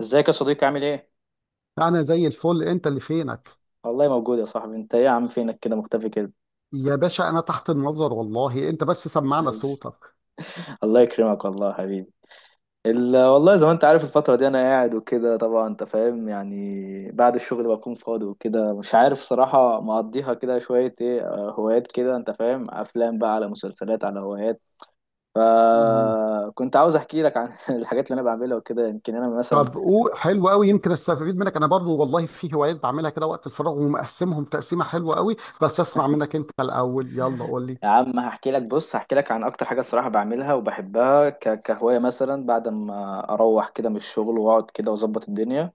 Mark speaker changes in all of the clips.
Speaker 1: ازيك يا صديقي؟ عامل ايه؟
Speaker 2: انا زي الفل، انت اللي فينك؟
Speaker 1: والله موجود يا صاحبي. انت ايه يا عم، فينك كده مختفي كده؟
Speaker 2: يا باشا، انا تحت النظر والله، انت بس سمعنا
Speaker 1: حبيبي.
Speaker 2: صوتك.
Speaker 1: الله يكرمك والله يا حبيبي. والله زي ما انت عارف الفترة دي انا قاعد وكده، طبعا انت فاهم، يعني بعد الشغل بكون فاضي وكده، مش عارف صراحة مقضيها كده شوية ايه. اه، هوايات كده، انت فاهم، افلام بقى على مسلسلات على هوايات.
Speaker 2: مم.
Speaker 1: فكنت عاوز احكي لك عن الحاجات اللي انا بعملها وكده، يمكن انا مثلا.
Speaker 2: طب قول، حلو قوي، يمكن استفيد منك انا برضو. والله في هوايات بعملها كده وقت الفراغ ومقسمهم تقسيمه حلوه قوي، بس اسمع منك انت الاول. يلا قول لي.
Speaker 1: يا عم هحكي لك، بص هحكي لك عن اكتر حاجه الصراحه بعملها وبحبها كهوايه، مثلا بعد ما اروح كده من الشغل واقعد كده واظبط الدنيا.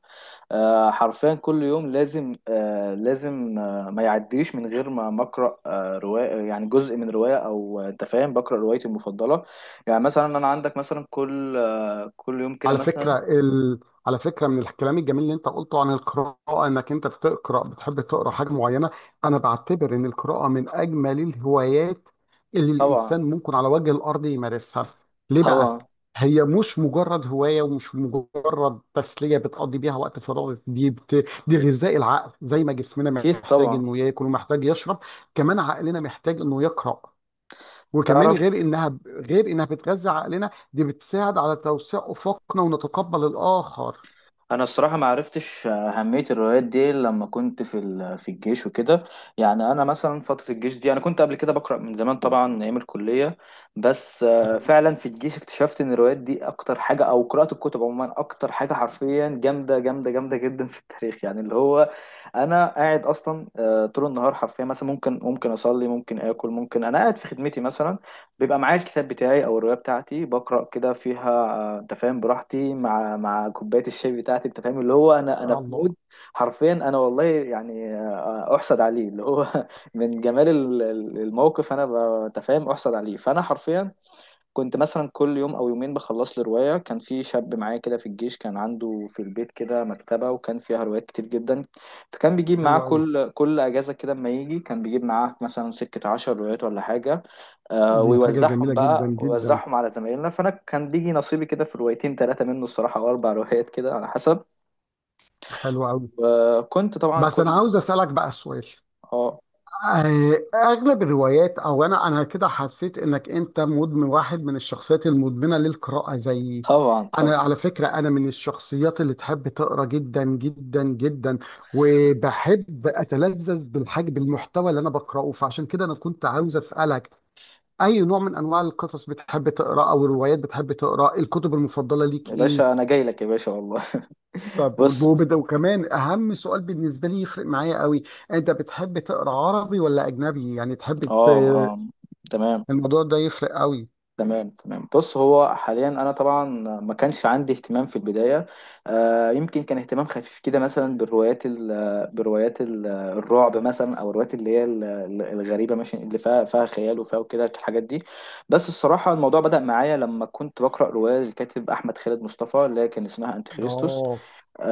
Speaker 1: حرفيا كل يوم لازم، لازم، ما يعديش من غير ما اقرا روايه، يعني جزء من روايه، او انت فاهم بقرا روايتي المفضله. يعني مثلا انا عندك مثلا كل يوم كده
Speaker 2: على
Speaker 1: مثلا.
Speaker 2: فكرة ال... على فكرة، من الكلام الجميل اللي انت قلته عن القراءة، انك انت بتقرأ بتحب تقرأ حاجة معينة، انا بعتبر ان القراءة من اجمل الهوايات اللي
Speaker 1: طبعا.
Speaker 2: الانسان ممكن على وجه الارض يمارسها. ليه بقى؟
Speaker 1: طبعا.
Speaker 2: هي مش مجرد هواية ومش مجرد تسلية بتقضي بيها وقت فراغك، دي غذاء العقل. زي ما جسمنا
Speaker 1: اكيد
Speaker 2: محتاج
Speaker 1: طبعا.
Speaker 2: انه ياكل ومحتاج يشرب، كمان عقلنا محتاج انه يقرأ. وكمان، غير
Speaker 1: تعرف،
Speaker 2: انها غير انها بتغذي عقلنا، دي بتساعد على توسيع افقنا ونتقبل الاخر.
Speaker 1: انا الصراحه ما عرفتش اهميه الروايات دي إلا لما كنت في الجيش وكده. يعني انا مثلا فتره الجيش دي، انا كنت قبل كده بقرا من زمان طبعا ايام الكليه، بس فعلا في الجيش اكتشفت ان الروايات دي اكتر حاجه، او قراءه الكتب عموما اكتر حاجه حرفيا جامده جامده جامده جدا في التاريخ، يعني اللي هو انا قاعد اصلا طول النهار حرفيا. مثلا ممكن اصلي، ممكن اكل، ممكن انا قاعد في خدمتي مثلا، بيبقى معايا الكتاب بتاعي او الروايه بتاعتي بقرا كده فيها، انت فاهم، براحتي، مع كوبايه الشاي بتاعتي، انت فاهم، اللي هو انا في
Speaker 2: الله.
Speaker 1: مود. حرفيا انا والله يعني احسد عليه، اللي هو من جمال الموقف. انا انت فاهم، احسد عليه، فانا حرفيا كنت مثلا كل يوم او يومين بخلص لي روايه. كان في شاب معايا كده في الجيش، كان عنده في البيت كده مكتبه، وكان فيها روايات كتير جدا. فكان بيجيب
Speaker 2: حلو
Speaker 1: معاه
Speaker 2: قوي.
Speaker 1: كل اجازه كده، اما يجي كان بيجيب معاه مثلا سكه 10 روايات ولا حاجه،
Speaker 2: دي حاجه
Speaker 1: ويوزعهم
Speaker 2: جميله جدا
Speaker 1: بقى،
Speaker 2: جدا.
Speaker 1: ويوزعهم على زمايلنا. فانا كان بيجي نصيبي كده في روايتين ثلاثه منه الصراحه، او اربع روايات كده على حسب.
Speaker 2: حلو قوي.
Speaker 1: وكنت طبعا
Speaker 2: بس انا
Speaker 1: كل.
Speaker 2: عاوز اسالك بقى سؤال.
Speaker 1: اه.
Speaker 2: اغلب الروايات، او انا كده حسيت انك انت مدمن، واحد من الشخصيات المدمنه للقراءه زيي.
Speaker 1: طبعا
Speaker 2: انا
Speaker 1: طبعا.
Speaker 2: على فكره، انا من الشخصيات اللي تحب تقرا جدا جدا جدا، وبحب اتلذذ بالحاجه، بالمحتوى اللي انا بقراه. فعشان كده انا كنت عاوز اسالك، اي نوع من انواع القصص بتحب تقراه، او الروايات بتحب تقراه؟ الكتب المفضله ليك
Speaker 1: يا
Speaker 2: ايه؟
Speaker 1: باشا انا جاي لك يا باشا والله.
Speaker 2: طب
Speaker 1: بص.
Speaker 2: والبوبدا، وكمان اهم سؤال بالنسبه لي يفرق معايا قوي، انت بتحب تقرا عربي ولا اجنبي؟ يعني
Speaker 1: اه، اه، تمام.
Speaker 2: الموضوع ده يفرق قوي.
Speaker 1: تمام، تمام، بص، هو حاليا انا طبعا ما كانش عندي اهتمام في البدايه. آه يمكن كان اهتمام خفيف كده مثلا بالروايات الرعب مثلا، او الروايات اللي هي الغريبه، ماشي، اللي فيها، فيها خيال وفيها وكده الحاجات دي. بس الصراحه الموضوع بدا معايا لما كنت بقرا روايه للكاتب احمد خالد مصطفى اللي هي كان اسمها انتي خريستوس.
Speaker 2: اه،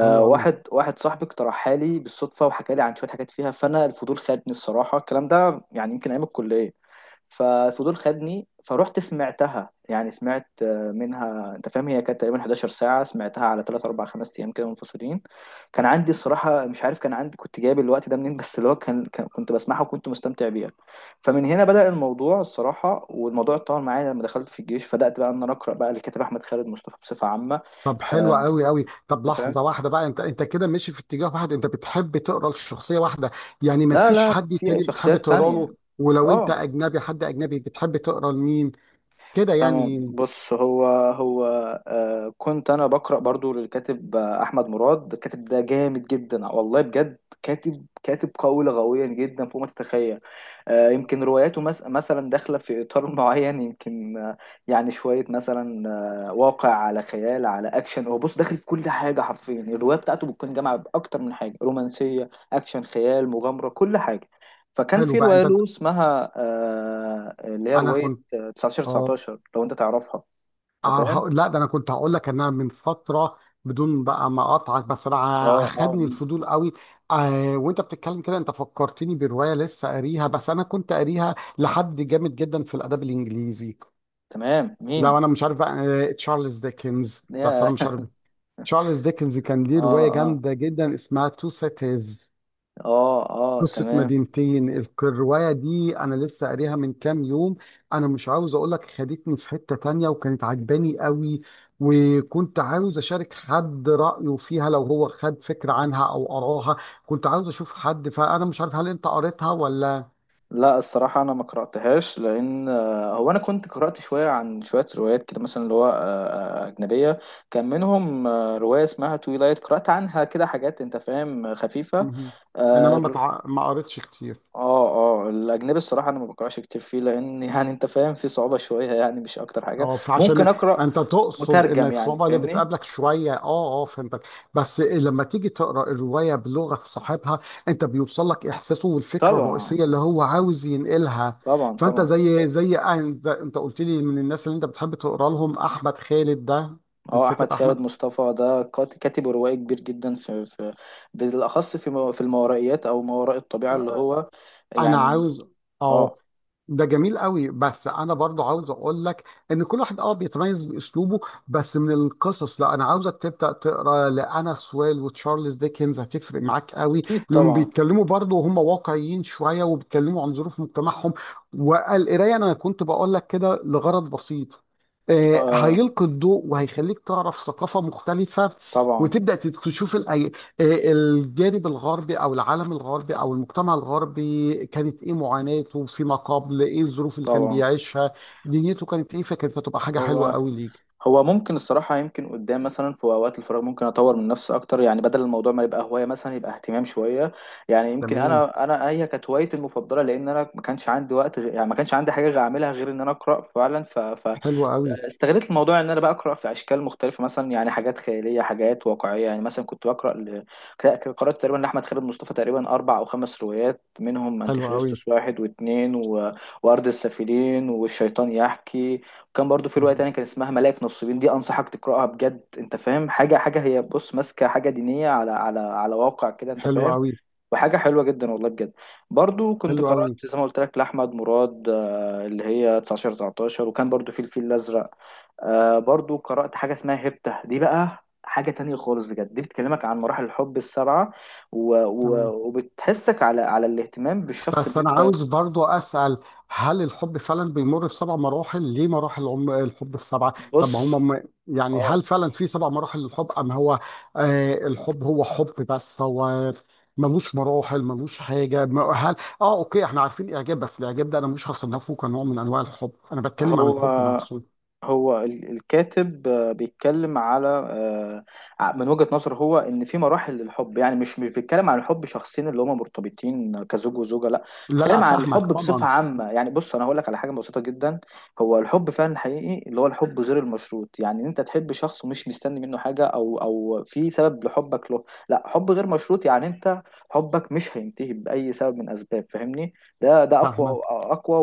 Speaker 2: حلو قوي.
Speaker 1: واحد صاحبي اقترحها لي بالصدفه، وحكى لي عن شويه حاجات فيها، فانا الفضول خدني الصراحه. الكلام ده يعني يمكن ايام الكليه. ففضول خدني، فروحت سمعتها، يعني سمعت منها، انت فاهم، هي كانت تقريبا 11 ساعة، سمعتها على 3 4 5 ايام كده منفصلين. كان عندي الصراحة مش عارف، كان عندي، كنت جايب الوقت ده منين، بس اللي هو كان كنت بسمعها وكنت مستمتع بيها. فمن هنا بدأ الموضوع الصراحة، والموضوع اتطور معايا لما دخلت في الجيش، فبدأت بقى ان انا اقرأ بقى للكاتب احمد خالد مصطفى بصفة عامة.
Speaker 2: طب حلو
Speaker 1: آه،
Speaker 2: قوي قوي. طب
Speaker 1: انت فاهم.
Speaker 2: لحظه واحده بقى، انت انت كده ماشي في اتجاه واحد، انت بتحب تقرا لشخصيه واحده؟ يعني ما
Speaker 1: لا
Speaker 2: فيش
Speaker 1: لا،
Speaker 2: حد
Speaker 1: في
Speaker 2: تاني بتحب
Speaker 1: شخصيات
Speaker 2: تقرا له؟
Speaker 1: تانية.
Speaker 2: ولو
Speaker 1: اه،
Speaker 2: انت اجنبي، حد اجنبي بتحب تقرا لمين كده
Speaker 1: تمام،
Speaker 2: يعني؟
Speaker 1: بص، هو، هو، آه كنت انا بقرا برضو للكاتب، احمد مراد. الكاتب ده جامد جدا والله بجد، كاتب، كاتب قوي لغويا جدا فوق ما تتخيل. آه يمكن رواياته مثلا داخله في اطار معين، يمكن آه، يعني شويه مثلا واقع على خيال على اكشن. هو بص داخل في كل حاجه حرفيا، الروايه بتاعته بتكون جامعه باكتر من حاجه، رومانسيه، اكشن، خيال، مغامره، كل حاجه. فكان
Speaker 2: حلو
Speaker 1: في
Speaker 2: بقى.
Speaker 1: رواية
Speaker 2: انت
Speaker 1: له اسمها اللي هي
Speaker 2: انا
Speaker 1: رواية
Speaker 2: كنت
Speaker 1: 19
Speaker 2: اه
Speaker 1: 19 لو انت تعرفها، انت
Speaker 2: آه،
Speaker 1: فاهم.
Speaker 2: هقول- لا، ده انا كنت هقول لك ان انا من فتره، بدون بقى ما اقطعك، بس
Speaker 1: اه، اه.
Speaker 2: خدني
Speaker 1: مم.
Speaker 2: الفضول قوي. وانت بتتكلم كده، انت فكرتني بروايه لسه قاريها، بس انا كنت قاريها لحد جامد جدا في الادب الانجليزي،
Speaker 1: تمام،
Speaker 2: لو
Speaker 1: مين؟
Speaker 2: انا مش عارف بقى. تشارلز ديكنز، بس
Speaker 1: يا.
Speaker 2: انا مش عارف. تشارلز ديكنز كان ليه
Speaker 1: اه،
Speaker 2: روايه
Speaker 1: اه.
Speaker 2: جامده جدا اسمها تو سيتيز،
Speaker 1: اه، اه،
Speaker 2: قصة
Speaker 1: تمام.
Speaker 2: مدينتين. الرواية دي أنا لسه قاريها من كام يوم. أنا مش عاوز أقول لك، خدتني في حتة تانية وكانت عجباني قوي، وكنت عاوز أشارك حد رأيه فيها لو هو خد فكرة عنها أو قراها. كنت عاوز أشوف حد، فأنا مش عارف هل أنت قريتها ولا.
Speaker 1: لا الصراحة أنا ما قرأتهاش لأن هو أنا كنت قرأت شوية عن شوية روايات كده مثلا، اللي هو أجنبية، كان منهم رواية اسمها تويلايت، قرأت عنها كده حاجات، أنت فاهم، خفيفة.
Speaker 2: مهم. إنما
Speaker 1: اه.
Speaker 2: ما قريتش كتير.
Speaker 1: اه. الأجنبي الصراحة أنا ما بقرأش كتير فيه، لأن يعني أنت فاهم في صعوبة شوية، يعني مش أكتر حاجة.
Speaker 2: اه
Speaker 1: ممكن
Speaker 2: فعشان،
Speaker 1: أقرأ
Speaker 2: انت تقصد ان
Speaker 1: مترجم، يعني
Speaker 2: الصعوبه اللي
Speaker 1: فاهمني.
Speaker 2: بتقابلك شويه، اه اه فهمتك. بس لما تيجي تقرا الروايه بلغه صاحبها، انت بيوصل لك احساسه والفكره
Speaker 1: طبعا.
Speaker 2: الرئيسيه اللي هو عاوز ينقلها.
Speaker 1: طبعا
Speaker 2: فانت
Speaker 1: طبعا.
Speaker 2: زي انت قلت لي، من الناس اللي انت بتحب تقرا لهم احمد خالد ده،
Speaker 1: هو احمد
Speaker 2: الكاتب
Speaker 1: خالد
Speaker 2: احمد.
Speaker 1: مصطفى ده كاتب روائي كبير جدا في، في، بالاخص في في الماورائيات او ما وراء الطبيعه، اللي
Speaker 2: آه،
Speaker 1: هو
Speaker 2: انا
Speaker 1: يعني.
Speaker 2: عاوز، اه،
Speaker 1: اه،
Speaker 2: ده جميل قوي، بس انا برضو عاوز اقول لك ان كل واحد اه بيتميز باسلوبه. بس من القصص، لا، انا عاوزك تبدا تقرا لانا سويل وتشارلز ديكنز، هتفرق معاك قوي،
Speaker 1: اكيد
Speaker 2: لانهم
Speaker 1: طبعا.
Speaker 2: بيتكلموا برضو وهم واقعيين شويه، وبيتكلموا عن ظروف مجتمعهم. والقرايه انا كنت بقول لك كده لغرض بسيط،
Speaker 1: آه،
Speaker 2: هيلقي الضوء وهيخليك تعرف ثقافه مختلفه،
Speaker 1: طبعا
Speaker 2: وتبدا تشوف الجانب الغربي، او العالم الغربي، او المجتمع الغربي كانت ايه معاناته فيما قبل، ايه الظروف اللي كان
Speaker 1: طبعا.
Speaker 2: بيعيشها، دنيته كانت ايه. فكانت هتبقى حاجه حلوه
Speaker 1: هو،
Speaker 2: قوي ليك.
Speaker 1: هو ممكن الصراحة يمكن قدام مثلا في أوقات الفراغ ممكن أطور من نفسي أكتر، يعني بدل الموضوع ما يبقى هواية مثلا يبقى اهتمام شوية. يعني يمكن
Speaker 2: تمام.
Speaker 1: أنا، أنا هي كانت هوايتي المفضلة لأن أنا ما كانش عندي وقت، يعني ما كانش عندي حاجة غير أعملها غير إن أنا أقرأ فعلا،
Speaker 2: حلوه قوي.
Speaker 1: استغلت الموضوع ان انا بقرا في اشكال مختلفه مثلا، يعني حاجات خياليه، حاجات واقعيه. يعني مثلا كنت بقرا قرات تقريبا لاحمد خالد مصطفى تقريبا اربع او خمس روايات، منهم انتي
Speaker 2: حلوه قوي.
Speaker 1: خريستوس واحد واثنين وارض السافلين والشيطان يحكي. كان برضو في رواية
Speaker 2: مهم.
Speaker 1: تانية كان اسمها ملاك نصيبين، دي أنصحك تقرأها بجد أنت فاهم. حاجة هي بص ماسكة حاجة دينية على واقع كده أنت
Speaker 2: حلوه
Speaker 1: فاهم،
Speaker 2: قوي.
Speaker 1: وحاجة حلوة جدا والله بجد. برضو كنت
Speaker 2: حلوه
Speaker 1: قرأت
Speaker 2: قوي.
Speaker 1: زي ما قلت لك لأحمد مراد، اللي هي 19 19، وكان برضو في الفيل الأزرق. برضو قرأت حاجة اسمها هبتة، دي بقى حاجة تانية خالص بجد، دي بتكلمك عن مراحل الحب السبعة، و... و...
Speaker 2: تمام.
Speaker 1: وبتحسك على على الاهتمام بالشخص
Speaker 2: بس
Speaker 1: اللي
Speaker 2: انا
Speaker 1: أنت.
Speaker 2: عاوز برضو اسال، هل الحب فعلا بيمر بسبع مراحل؟ ليه مراحل؟ الحب السبعه، طب ما
Speaker 1: بص.
Speaker 2: هم يعني
Speaker 1: اه.
Speaker 2: هل فعلا في سبع مراحل للحب ام هو، الحب هو حب بس؟ هو ملوش مراحل، ملوش حاجه. هل، اه، اوكي، احنا عارفين الاعجاب، بس الاعجاب ده انا مش هصنفه كنوع من انواع الحب، انا بتكلم عن
Speaker 1: هو،
Speaker 2: الحب نفسه.
Speaker 1: هو الكاتب بيتكلم من وجهة نظره هو ان في مراحل للحب. يعني مش بيتكلم عن الحب شخصين اللي هما مرتبطين كزوج وزوجة، لا،
Speaker 2: لا لا،
Speaker 1: بيتكلم عن
Speaker 2: فاهمك
Speaker 1: الحب بصفة
Speaker 2: طبعا.
Speaker 1: عامة. يعني بص انا هقول لك على حاجة بسيطة جدا. هو الحب فعلا حقيقي اللي هو الحب غير المشروط، يعني ان انت تحب شخص ومش مستني منه حاجة، او في سبب لحبك له، لا، حب غير مشروط، يعني انت حبك مش هينتهي بأي سبب من اسباب، فاهمني؟ ده اقوى
Speaker 2: فاهمك.
Speaker 1: اقوى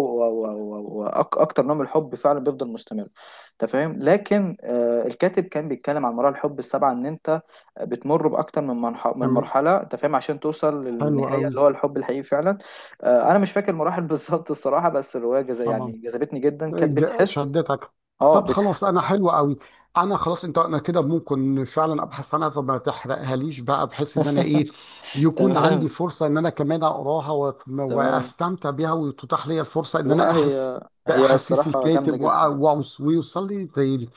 Speaker 1: واكتر نوع من الحب فعلا بيفضل مستمر. انت فاهم، لكن الكاتب كان بيتكلم عن مراحل الحب السبعه، ان انت بتمر باكتر من من
Speaker 2: تمام،
Speaker 1: مرحله، انت فاهم، عشان توصل
Speaker 2: حلو
Speaker 1: للنهايه
Speaker 2: قوي.
Speaker 1: اللي هو الحب الحقيقي فعلا. انا مش فاكر المراحل بالظبط الصراحه، بس الروايه
Speaker 2: طبعا.
Speaker 1: يعني جذبتني جدا، كانت بتحس.
Speaker 2: شدتك.
Speaker 1: اه،
Speaker 2: طب خلاص، انا حلو قوي، انا خلاص، انت، انا كده ممكن فعلا ابحث عنها، فما تحرقها ليش بقى، بحيث ان انا ايه، يكون عندي
Speaker 1: تمام.
Speaker 2: فرصه ان انا كمان اقراها
Speaker 1: تمام.
Speaker 2: واستمتع بيها، وتتاح لي الفرصه ان انا
Speaker 1: لا
Speaker 2: احس
Speaker 1: هي، هي
Speaker 2: باحاسيس
Speaker 1: الصراحه جامده
Speaker 2: الكاتب،
Speaker 1: جدا.
Speaker 2: ويوصل لي زي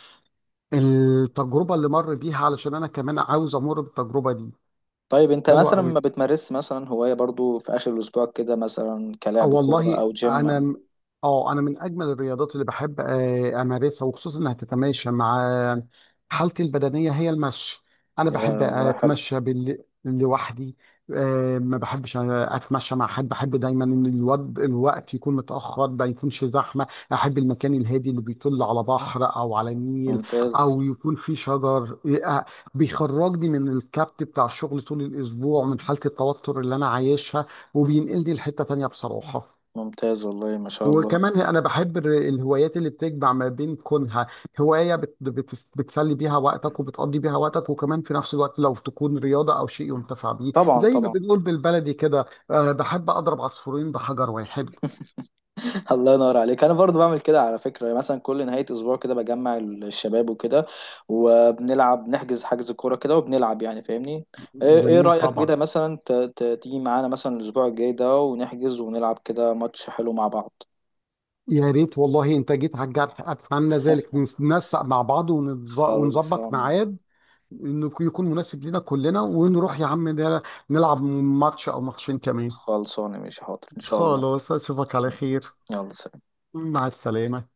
Speaker 2: التجربه اللي مر بيها، علشان انا كمان عاوز امر بالتجربه دي.
Speaker 1: طيب انت
Speaker 2: حلوه
Speaker 1: مثلا ما
Speaker 2: قوي.
Speaker 1: بتمارس مثلا هوايه برضو في اخر الاسبوع كده مثلا،
Speaker 2: أه
Speaker 1: كلاعب كوره
Speaker 2: والله.
Speaker 1: او جيم
Speaker 2: انا م- اه انا من اجمل الرياضات اللي بحب امارسها، وخصوصا انها تتماشى مع حالتي البدنيه، هي المشي. انا
Speaker 1: يا
Speaker 2: بحب
Speaker 1: والله حلو.
Speaker 2: اتمشى بال... لوحدي. ما بحبش اتمشى مع حد، بحب دايما ان الوقت يكون متاخر، ما يكونش زحمه. احب المكان الهادي، اللي بيطل على بحر او على نيل،
Speaker 1: ممتاز.
Speaker 2: او يكون فيه شجر. آه، بيخرجني من الكبت بتاع الشغل طول الاسبوع، من حاله التوتر اللي انا عايشها، وبينقلني لحتة تانية بصراحة.
Speaker 1: ممتاز والله ما شاء الله.
Speaker 2: وكمان انا بحب الهوايات اللي بتجمع ما بين كونها هواية بت بتسلي بيها وقتك وبتقضي بيها وقتك، وكمان في نفس الوقت لو تكون رياضة او شيء ينتفع بيه،
Speaker 1: طبعا
Speaker 2: زي ما
Speaker 1: طبعا.
Speaker 2: بنقول بالبلدي كده، بحب اضرب عصفورين بحجر واحد.
Speaker 1: الله ينور عليك. انا برضو بعمل كده على فكره. يعني مثلا كل نهايه اسبوع كده بجمع الشباب وكده، وبنلعب، نحجز حجز كوره كده وبنلعب، يعني فاهمني. ايه، إيه
Speaker 2: جميل
Speaker 1: رايك
Speaker 2: طبعا.
Speaker 1: كده مثلا تيجي معانا مثلا الاسبوع الجاي ده ونحجز ونلعب كده ماتش حلو مع بعض؟
Speaker 2: يا ريت والله، انت جيت على الجرح، اتمنى ذلك. ننسق مع بعض ونظبط
Speaker 1: خلصانه.
Speaker 2: ميعاد انه يكون مناسب لنا كلنا، ونروح يا عم نلعب ماتش او ماتشين كمان.
Speaker 1: خلصانه، مش حاضر ان شاء الله.
Speaker 2: خلاص، اشوفك على
Speaker 1: ماشي.
Speaker 2: خير.
Speaker 1: يلا سلام.
Speaker 2: مع السلامة.